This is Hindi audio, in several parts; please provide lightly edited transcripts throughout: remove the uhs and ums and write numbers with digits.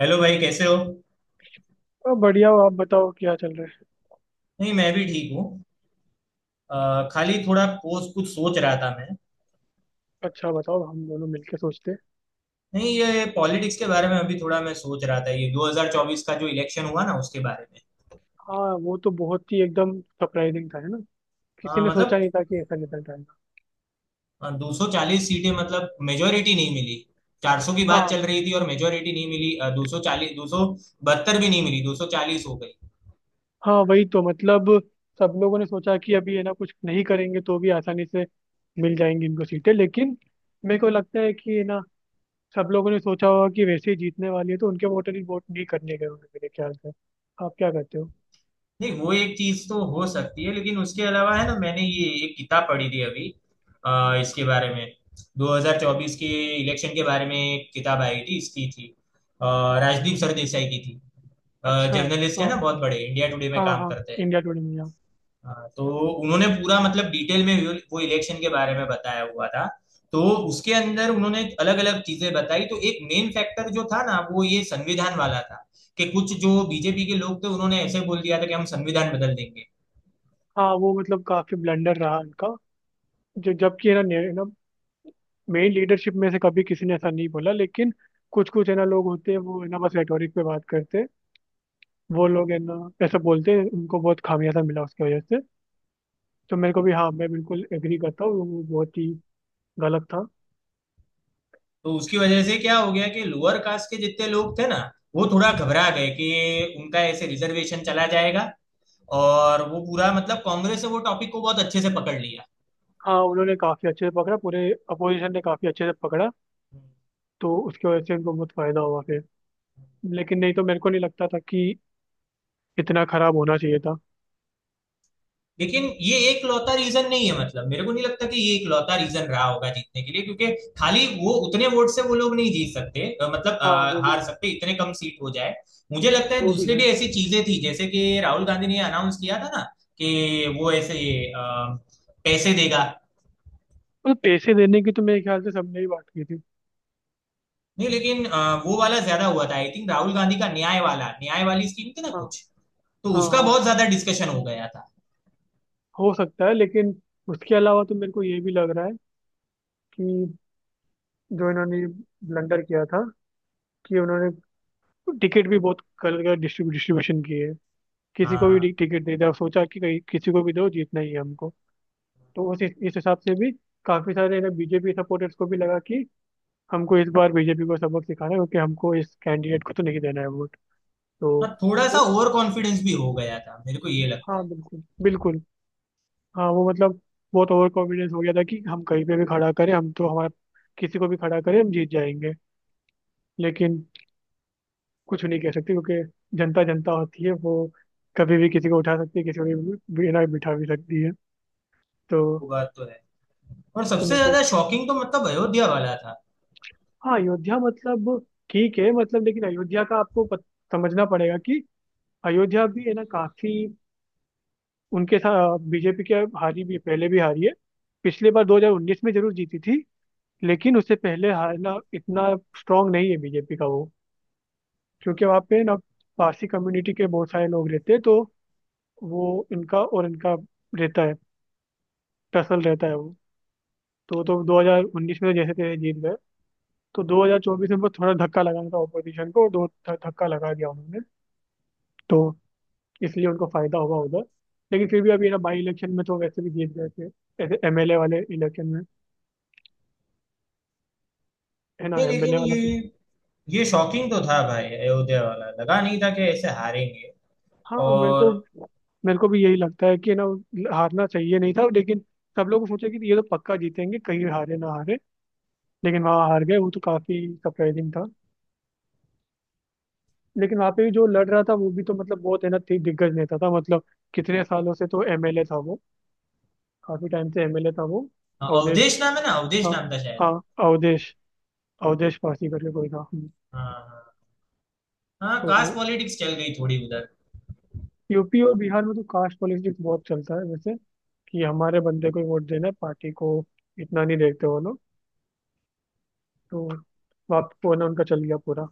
हेलो भाई, कैसे हो? अब बढ़िया हो, आप बताओ क्या चल रहा है। नहीं, मैं भी ठीक हूँ। खाली थोड़ा पोस्ट कुछ सोच रहा था मैं। अच्छा बताओ, हम दोनों मिलके सोचते हैं। नहीं, ये पॉलिटिक्स के बारे में अभी थोड़ा मैं सोच रहा था, ये 2024 का जो इलेक्शन हुआ ना उसके बारे में। हाँ वो तो बहुत ही एकदम सरप्राइजिंग था, है ना। किसी ने सोचा मतलब नहीं था कि ऐसा रिजल्ट आएगा। 240 सीटें, मतलब मेजोरिटी नहीं मिली। 400 की बात चल हाँ। रही थी और मेजोरिटी नहीं मिली, 240, 272 भी नहीं मिली, 240 हो गई। हाँ वही तो मतलब, सब लोगों ने सोचा कि अभी है ना कुछ नहीं करेंगे तो भी आसानी से मिल जाएंगी इनको सीटें, लेकिन मेरे को लगता है कि है ना सब लोगों ने सोचा होगा कि वैसे ही जीतने वाली है, तो उनके वोटर ही वोट नहीं करने गए होंगे मेरे ख्याल से। आप क्या करते हो? नहीं, वो एक चीज तो हो सकती है लेकिन उसके अलावा है ना, मैंने ये एक किताब पढ़ी थी अभी इसके बारे में। 2024 के इलेक्शन के बारे में एक किताब आई थी, इसकी थी अ, राजदीप सरदेसाई की थी। अच्छा। जर्नलिस्ट है हाँ ना, बहुत बड़े इंडिया टुडे में हाँ काम हाँ, करते हैं। इंडिया टुडे में, हाँ। तो उन्होंने पूरा, मतलब डिटेल में, वो इलेक्शन के बारे में बताया हुआ था। तो उसके अंदर उन्होंने अलग अलग चीजें बताई। तो एक मेन फैक्टर जो था ना, वो ये संविधान वाला था कि कुछ जो बीजेपी के लोग थे उन्होंने ऐसे बोल दिया था कि हम संविधान बदल देंगे। हाँ, वो मतलब काफी ब्लंडर रहा इनका जो, जबकि है ना ना, मेन लीडरशिप में से कभी किसी ने ऐसा नहीं बोला, लेकिन कुछ कुछ है ना लोग होते हैं, वो है ना बस रेटोरिक पे बात करते हैं। वो लोग है ना ऐसा बोलते हैं, उनको बहुत खामियाजा मिला उसकी वजह से। तो मेरे को भी, हाँ, मैं बिल्कुल एग्री करता हूँ, वो बहुत ही गलत था। तो उसकी वजह से क्या हो गया कि लोअर कास्ट के जितने लोग थे ना, वो थोड़ा घबरा गए कि उनका ऐसे रिजर्वेशन चला जाएगा। और वो पूरा, मतलब कांग्रेस ने वो टॉपिक को बहुत अच्छे से पकड़ लिया। हाँ उन्होंने काफी अच्छे से पकड़ा, पूरे अपोजिशन ने काफी अच्छे से पकड़ा। तो उसकी वजह से उनको बहुत फायदा हुआ फिर। लेकिन नहीं, तो मेरे को नहीं लगता था कि इतना खराब होना चाहिए था। लेकिन ये एक लौता रीजन नहीं है, मतलब मेरे को नहीं लगता कि ये एक लौता रीजन रहा होगा जीतने के लिए, क्योंकि खाली वो उतने वोट से वो लोग नहीं जीत सकते, मतलब हाँ, वो भी हार है। सकते, इतने कम सीट हो जाए। मुझे लगता है वो भी दूसरी है। भी ऐसी चीजें थी, जैसे कि राहुल गांधी ने अनाउंस किया था ना कि वो ऐसे अ, पैसे देगा। और पैसे देने की तो मेरे ख्याल से सबने ही बात की थी। नहीं, लेकिन वो वाला ज्यादा हुआ था, आई थिंक राहुल गांधी का न्याय वाला, न्याय वाली स्कीम थी ना हाँ कुछ, तो हाँ उसका हाँ। बहुत हाँ, ज्यादा डिस्कशन हो गया था। हो सकता है, लेकिन उसके अलावा तो मेरे को ये भी लग रहा है कि जो इन्होंने ब्लंडर किया था, कि उन्होंने टिकट भी बहुत गलत डिस्ट्रीब्यूशन की है, किसी को हाँ, भी टिकट दे दिया, सोचा कि कहीं किसी को भी दो, जीतना ही है हमको। तो उस इस हिसाब से भी काफी सारे ना बीजेपी सपोर्टर्स को भी लगा कि हमको इस बार बीजेपी को सबक सिखाना है, क्योंकि हमको इस कैंडिडेट को तो नहीं देना है वोट। तो हाँ, थोड़ा सा वो, ओवर कॉन्फिडेंस भी हो गया था, मेरे को ये लगता हाँ है। बिल्कुल बिल्कुल। हाँ वो मतलब बहुत ओवर कॉन्फिडेंस हो गया था कि हम कहीं पे भी खड़ा करें, हम तो हमारा किसी को भी खड़ा करें हम जीत जाएंगे। लेकिन कुछ नहीं कह सकते क्योंकि जनता जनता होती है वो, कभी भी किसी को उठा सकती है, किसी को भी बिना बिठा भी सकती है। तो वो बात तो है। और तो सबसे मेरे को, ज्यादा शॉकिंग तो, मतलब अयोध्या वाला था। हाँ, अयोध्या मतलब ठीक है मतलब, लेकिन अयोध्या का आपको समझना पड़ेगा कि अयोध्या भी है ना, काफी उनके साथ बीजेपी के हारी भी, पहले भी हारी है। पिछले बार 2019 में जरूर जीती थी, लेकिन उससे पहले हारना इतना स्ट्रांग नहीं है बीजेपी का वो, क्योंकि वहाँ पे ना पारसी कम्युनिटी के बहुत सारे लोग रहते हैं, तो वो इनका और इनका रहता है, टसल रहता है वो। तो 2019 में तो जैसे थे, जीत गए। तो 2024 में उनको थोड़ा धक्का लगाना था ऑपोजिशन को, धक्का लगा दिया उन्होंने। तो इसलिए उनको फायदा होगा उधर, लेकिन फिर भी अभी ना बाई इलेक्शन में तो वैसे भी जीत गए थे, ऐसे एमएलए वाले इलेक्शन में, है ना नहीं लेकिन एमएलए वाला ये तो। ये शॉकिंग तो था भाई, अयोध्या वाला लगा नहीं था कि ऐसे हारेंगे। हाँ मेरे को, और मेरे को भी यही लगता है कि ना हारना चाहिए नहीं था, लेकिन सब लोग सोचे कि ये तो पक्का जीतेंगे, कहीं हारे ना हारे। लेकिन वहाँ हार गए, वो तो काफी सरप्राइजिंग था। लेकिन वहाँ पे भी जो लड़ रहा था वो भी तो मतलब, बहुत है ना दिग्गज नेता था मतलब। कितने सालों से तो एमएलए था वो, काफी टाइम से एमएलए था वो। हाँ, अवधेश। अवधेश नाम है ना, अवधेश हाँ। नाम था शायद। हाँ। अवधेश। अवधेश पासी करके कोई था, हम्म। हाँ, हाँ, हाँ, कास्ट तो पॉलिटिक्स चल गई थोड़ी उधर। यूपी और बिहार में तो कास्ट पॉलिटिक्स बहुत चलता है वैसे, कि हमारे बंदे को ही वोट देना है, पार्टी को इतना नहीं देखते वो लोग। तो वापस वो ना उनका चल गया पूरा,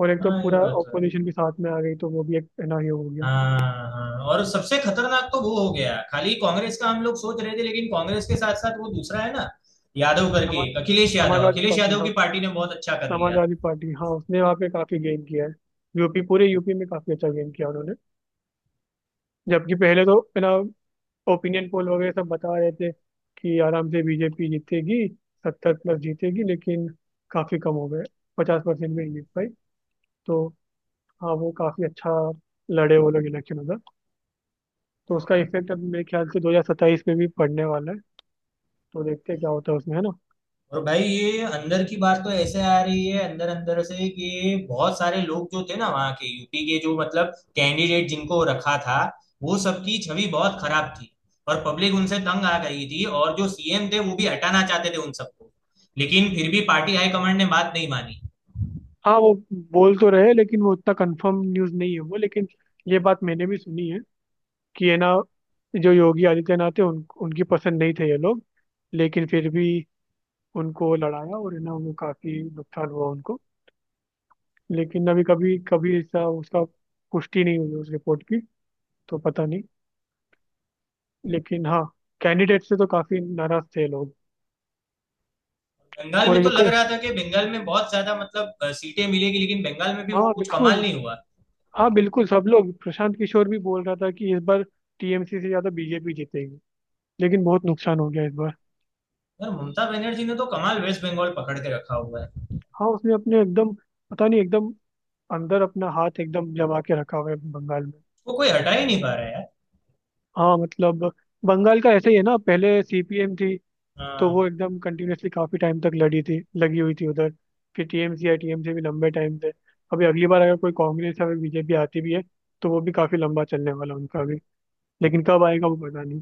और एक तो हाँ, ये पूरा बात तो है। ऑपोजिशन भी साथ में आ गई, तो वो भी एक है ना ये हो गया। हाँ, हाँ, हाँ। और सबसे खतरनाक तो वो हो गया, खाली कांग्रेस का हम लोग सोच रहे थे लेकिन कांग्रेस के साथ साथ वो दूसरा है ना, यादव करके समाज एक, अखिलेश यादव, समाजवादी अखिलेश पार्टी, यादव हाँ। की पार्टी ने बहुत अच्छा कर लिया। समाजवादी पार्टी, हाँ, उसने वहाँ पे काफी गेन किया है, यूपी पूरे यूपी में काफी अच्छा गेन किया उन्होंने। जबकि पहले तो है ना ओपिनियन पोल वगैरह सब बता रहे थे कि आराम से बीजेपी जीतेगी, 70 प्लस जीतेगी, लेकिन काफी कम हो गए, 50% में ही जीत पाई। तो हाँ वो काफी अच्छा लड़े वो लोग इलेक्शन उधर। तो उसका इफेक्ट अब मेरे ख्याल से 2027 में भी पड़ने वाला है। तो देखते हैं क्या होता है उसमें, है ना। और भाई ये अंदर की बात तो ऐसे आ रही है अंदर अंदर से कि बहुत सारे लोग जो थे ना वहाँ के, यूपी के जो मतलब कैंडिडेट जिनको रखा था, वो सबकी छवि बहुत खराब थी और पब्लिक उनसे तंग आ गई थी और जो सीएम थे वो भी हटाना चाहते थे उन सबको, लेकिन फिर भी पार्टी हाईकमांड ने बात नहीं मानी। हाँ वो बोल तो रहे हैं, लेकिन वो उतना कंफर्म न्यूज़ नहीं है वो, लेकिन ये बात मैंने भी सुनी है कि है ना जो योगी आदित्यनाथ है, उनकी पसंद नहीं थे ये लोग। लेकिन फिर भी उनको लड़ाया, और है ना उनको काफी नुकसान हुआ उनको। लेकिन अभी कभी कभी ऐसा, उसका पुष्टि नहीं हुई उस रिपोर्ट की, तो पता नहीं। लेकिन हाँ, कैंडिडेट से तो काफी नाराज थे लोग। बंगाल और में तो एक, लग रहा था कि बंगाल में बहुत ज्यादा, मतलब सीटें मिलेगी, लेकिन बंगाल में भी वो हाँ कुछ कमाल बिल्कुल। नहीं हुआ। हाँ बिल्कुल, सब लोग, प्रशांत किशोर भी बोल रहा था कि इस बार टीएमसी से ज्यादा बीजेपी जीतेगी, लेकिन बहुत नुकसान हो गया इस बार। यार ममता बनर्जी ने तो कमाल वेस्ट बंगाल पकड़ के रखा हुआ है। हाँ उसने अपने एकदम, पता नहीं, एकदम अंदर अपना हाथ एकदम जमा के रखा हुआ है बंगाल में। वो कोई हटा ही नहीं पा रहा है यार। हाँ मतलब बंगाल का ऐसे ही है ना, पहले सीपीएम थी, तो हाँ। वो एकदम कंटिन्यूअसली काफी टाइम तक लड़ी थी, लगी हुई थी उधर। फिर टीएमसी, या टीएमसी भी लंबे टाइम से। अभी अगली बार अगर कोई कांग्रेस या फिर बीजेपी आती भी है, तो वो भी काफी लंबा चलने वाला उनका भी, लेकिन कब आएगा वो पता नहीं।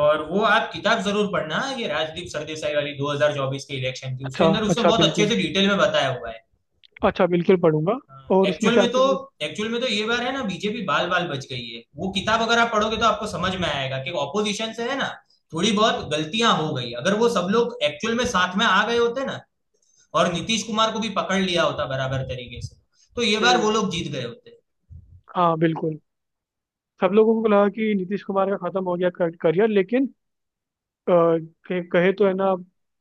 और वो आप किताब जरूर पढ़ना, ये राजदीप सरदेसाई वाली 2024 के इलेक्शन की, उसके अच्छा अंदर उसने अच्छा, बहुत अच्छे बिल्कुल, से डिटेल में बताया हुआ है। अच्छा बिल्कुल पढ़ूंगा। और उसमें एक्चुअल से में तो, आपको। एक्चुअल में तो ये बार है ना बीजेपी बाल बाल बच गई है। वो किताब अगर आप पढ़ोगे तो आपको समझ में आएगा कि ऑपोजिशन से है ना थोड़ी बहुत गलतियां हो गई, अगर वो सब लोग एक्चुअल में साथ में आ गए होते ना, और नीतीश कुमार को भी पकड़ लिया होता बराबर तरीके से, तो ये बार वो हम्म। लोग जीत गए होते। हाँ बिल्कुल, सब लोगों को लगा कि नीतीश कुमार का खत्म हो गया करियर, लेकिन कहे कहे तो है ना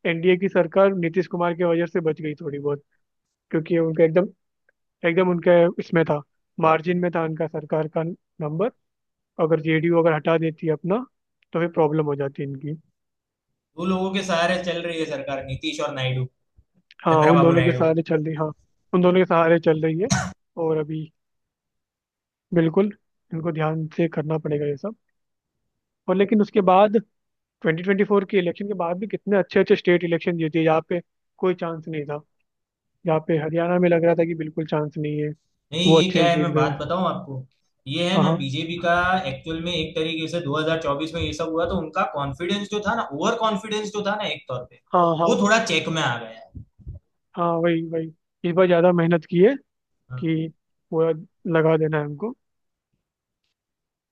एनडीए की सरकार नीतीश कुमार की वजह से बच गई थोड़ी बहुत। क्योंकि उनका एकदम, एकदम उनके इसमें था, मार्जिन में था उनका सरकार का नंबर। अगर जेडीयू अगर हटा देती है अपना, तो फिर प्रॉब्लम हो जाती इनकी। वो लोगों के सहारे चल रही है सरकार, नीतीश और नायडू, हाँ उन चंद्रबाबू दोनों के नायडू। सहारे चल रही, हाँ। उन दोनों के सहारे चल रही है, और अभी बिल्कुल इनको ध्यान से करना पड़ेगा ये सब। और लेकिन उसके बाद 2024 के इलेक्शन के बाद भी कितने अच्छे अच्छे स्टेट इलेक्शन जीते यहाँ पे, कोई चांस नहीं था। यहाँ पे हरियाणा में लग रहा था कि बिल्कुल चांस नहीं है, नहीं, वो ये क्या अच्छे है, जीत मैं बात गए। बताऊं आपको, ये है हाँ ना हाँ। बीजेपी का, एक्चुअल में एक तरीके से 2024 में ये सब हुआ तो उनका कॉन्फिडेंस जो था ना, ओवर कॉन्फिडेंस जो था ना एक तौर पे, हाँ वो हाँ। थोड़ा चेक में आ गया। हाँ वही वही, इस बार ज्यादा मेहनत की है, हाँ। कि पूरा लगा देना है हमको।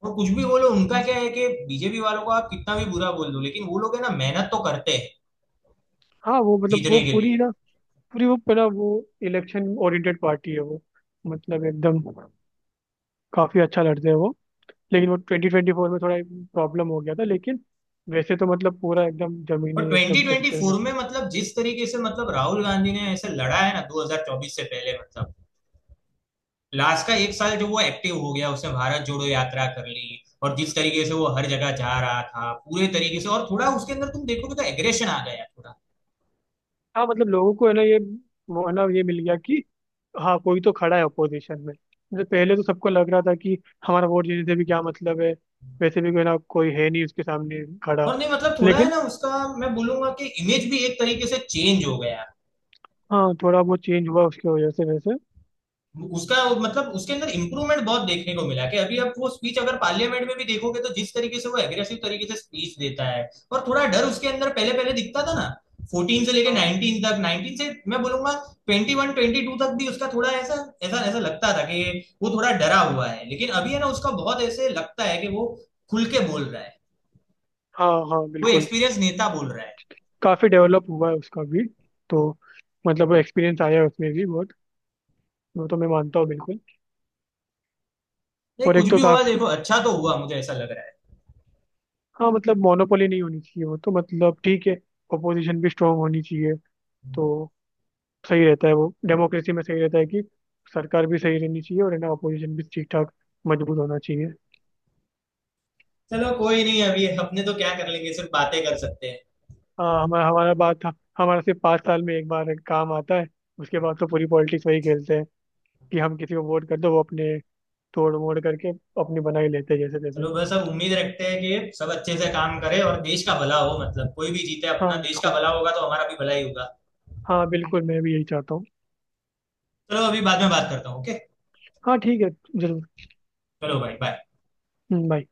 और कुछ भी बोलो, उनका क्या है कि बीजेपी वालों को आप कितना भी बुरा बोल दो, लेकिन वो लोग है ना मेहनत तो करते हैं हाँ वो मतलब वो जीतने के पूरी लिए। ना, पूरी वो पूरा वो इलेक्शन ओरिएंटेड पार्टी है वो, मतलब एकदम काफी अच्छा लड़ते हैं वो। लेकिन वो 2024 में थोड़ा प्रॉब्लम हो गया था, लेकिन वैसे तो मतलब पूरा एकदम और जमीनी एकदम तरीके से 2024 में, मतलब जिस तरीके से, मतलब राहुल गांधी ने ऐसे लड़ा है ना, 2024 से पहले, मतलब लास्ट का एक साल जो वो एक्टिव हो गया, उसने भारत जोड़ो यात्रा कर ली, और जिस तरीके से वो हर जगह जा रहा था पूरे तरीके से, और थोड़ा उसके अंदर तुम देखोगे तो एग्रेशन आ गया थोड़ा। हाँ मतलब लोगों को है ना ये, वो है ना ये मिल गया कि हाँ, कोई तो खड़ा है अपोजिशन में। मतलब पहले तो सबको लग रहा था कि हमारा वोट जीतने से भी क्या मतलब है, वैसे भी कोई ना कोई है नहीं उसके सामने खड़ा। और नहीं, मतलब थोड़ा है लेकिन ना, उसका मैं बोलूंगा कि इमेज भी एक तरीके से चेंज हो गया, हाँ, थोड़ा बहुत चेंज हुआ उसकी वजह से वैसे। उसका मतलब उसके अंदर इम्प्रूवमेंट बहुत देखने को मिला कि अभी आप वो स्पीच अगर पार्लियामेंट में भी देखोगे तो जिस तरीके से वो एग्रेसिव तरीके से स्पीच देता है। और थोड़ा डर उसके अंदर पहले पहले दिखता था ना, 14 से लेके हाँ 19 तक, 19 से मैं बोलूंगा 21 22 तक भी, उसका थोड़ा ऐसा ऐसा ऐसा लगता था कि वो थोड़ा डरा हुआ है, लेकिन अभी है ना उसका बहुत ऐसे लगता है कि वो खुल के बोल रहा है, हाँ हाँ कोई बिल्कुल। एक्सपीरियंस नेता बोल रहा है। काफ़ी डेवलप हुआ है उसका भी। तो मतलब एक्सपीरियंस आया है उसमें भी बहुत, वो तो मैं मानता हूँ बिल्कुल। ये और कुछ एक तो भी हुआ, काफ़ी, देखो अच्छा तो हुआ, मुझे ऐसा लग रहा है। हाँ मतलब मोनोपोली नहीं होनी चाहिए वो तो, मतलब ठीक है, अपोजिशन भी स्ट्रांग होनी चाहिए। तो सही रहता है वो, डेमोक्रेसी में सही रहता है कि सरकार भी सही रहनी चाहिए, और है ना अपोजिशन भी ठीक ठाक मजबूत होना चाहिए। चलो, कोई नहीं, अभी अपने तो क्या कर लेंगे, सिर्फ बातें कर सकते हैं। हाँ हमारा हमारा बात, हमारा सिर्फ 5 साल में एक बार काम आता है। उसके बाद तो पूरी पॉलिटिक्स वही खेलते हैं कि हम किसी को वोट कर दो, वो अपने तोड़ मोड़ करके अपनी बना ही लेते हैं जैसे चलो, तैसे। बस अब उम्मीद रखते हैं कि सब अच्छे से काम करे और देश का भला हो, मतलब कोई भी जीते, अपना हाँ देश का बिल्कुल। भला होगा तो हमारा भी भला ही होगा। हाँ बिल्कुल, मैं भी यही चाहता हूँ। चलो अभी बाद में बात करता हूँ, ओके। हाँ ठीक है, जरूर। चलो भाई, बाय। बाय।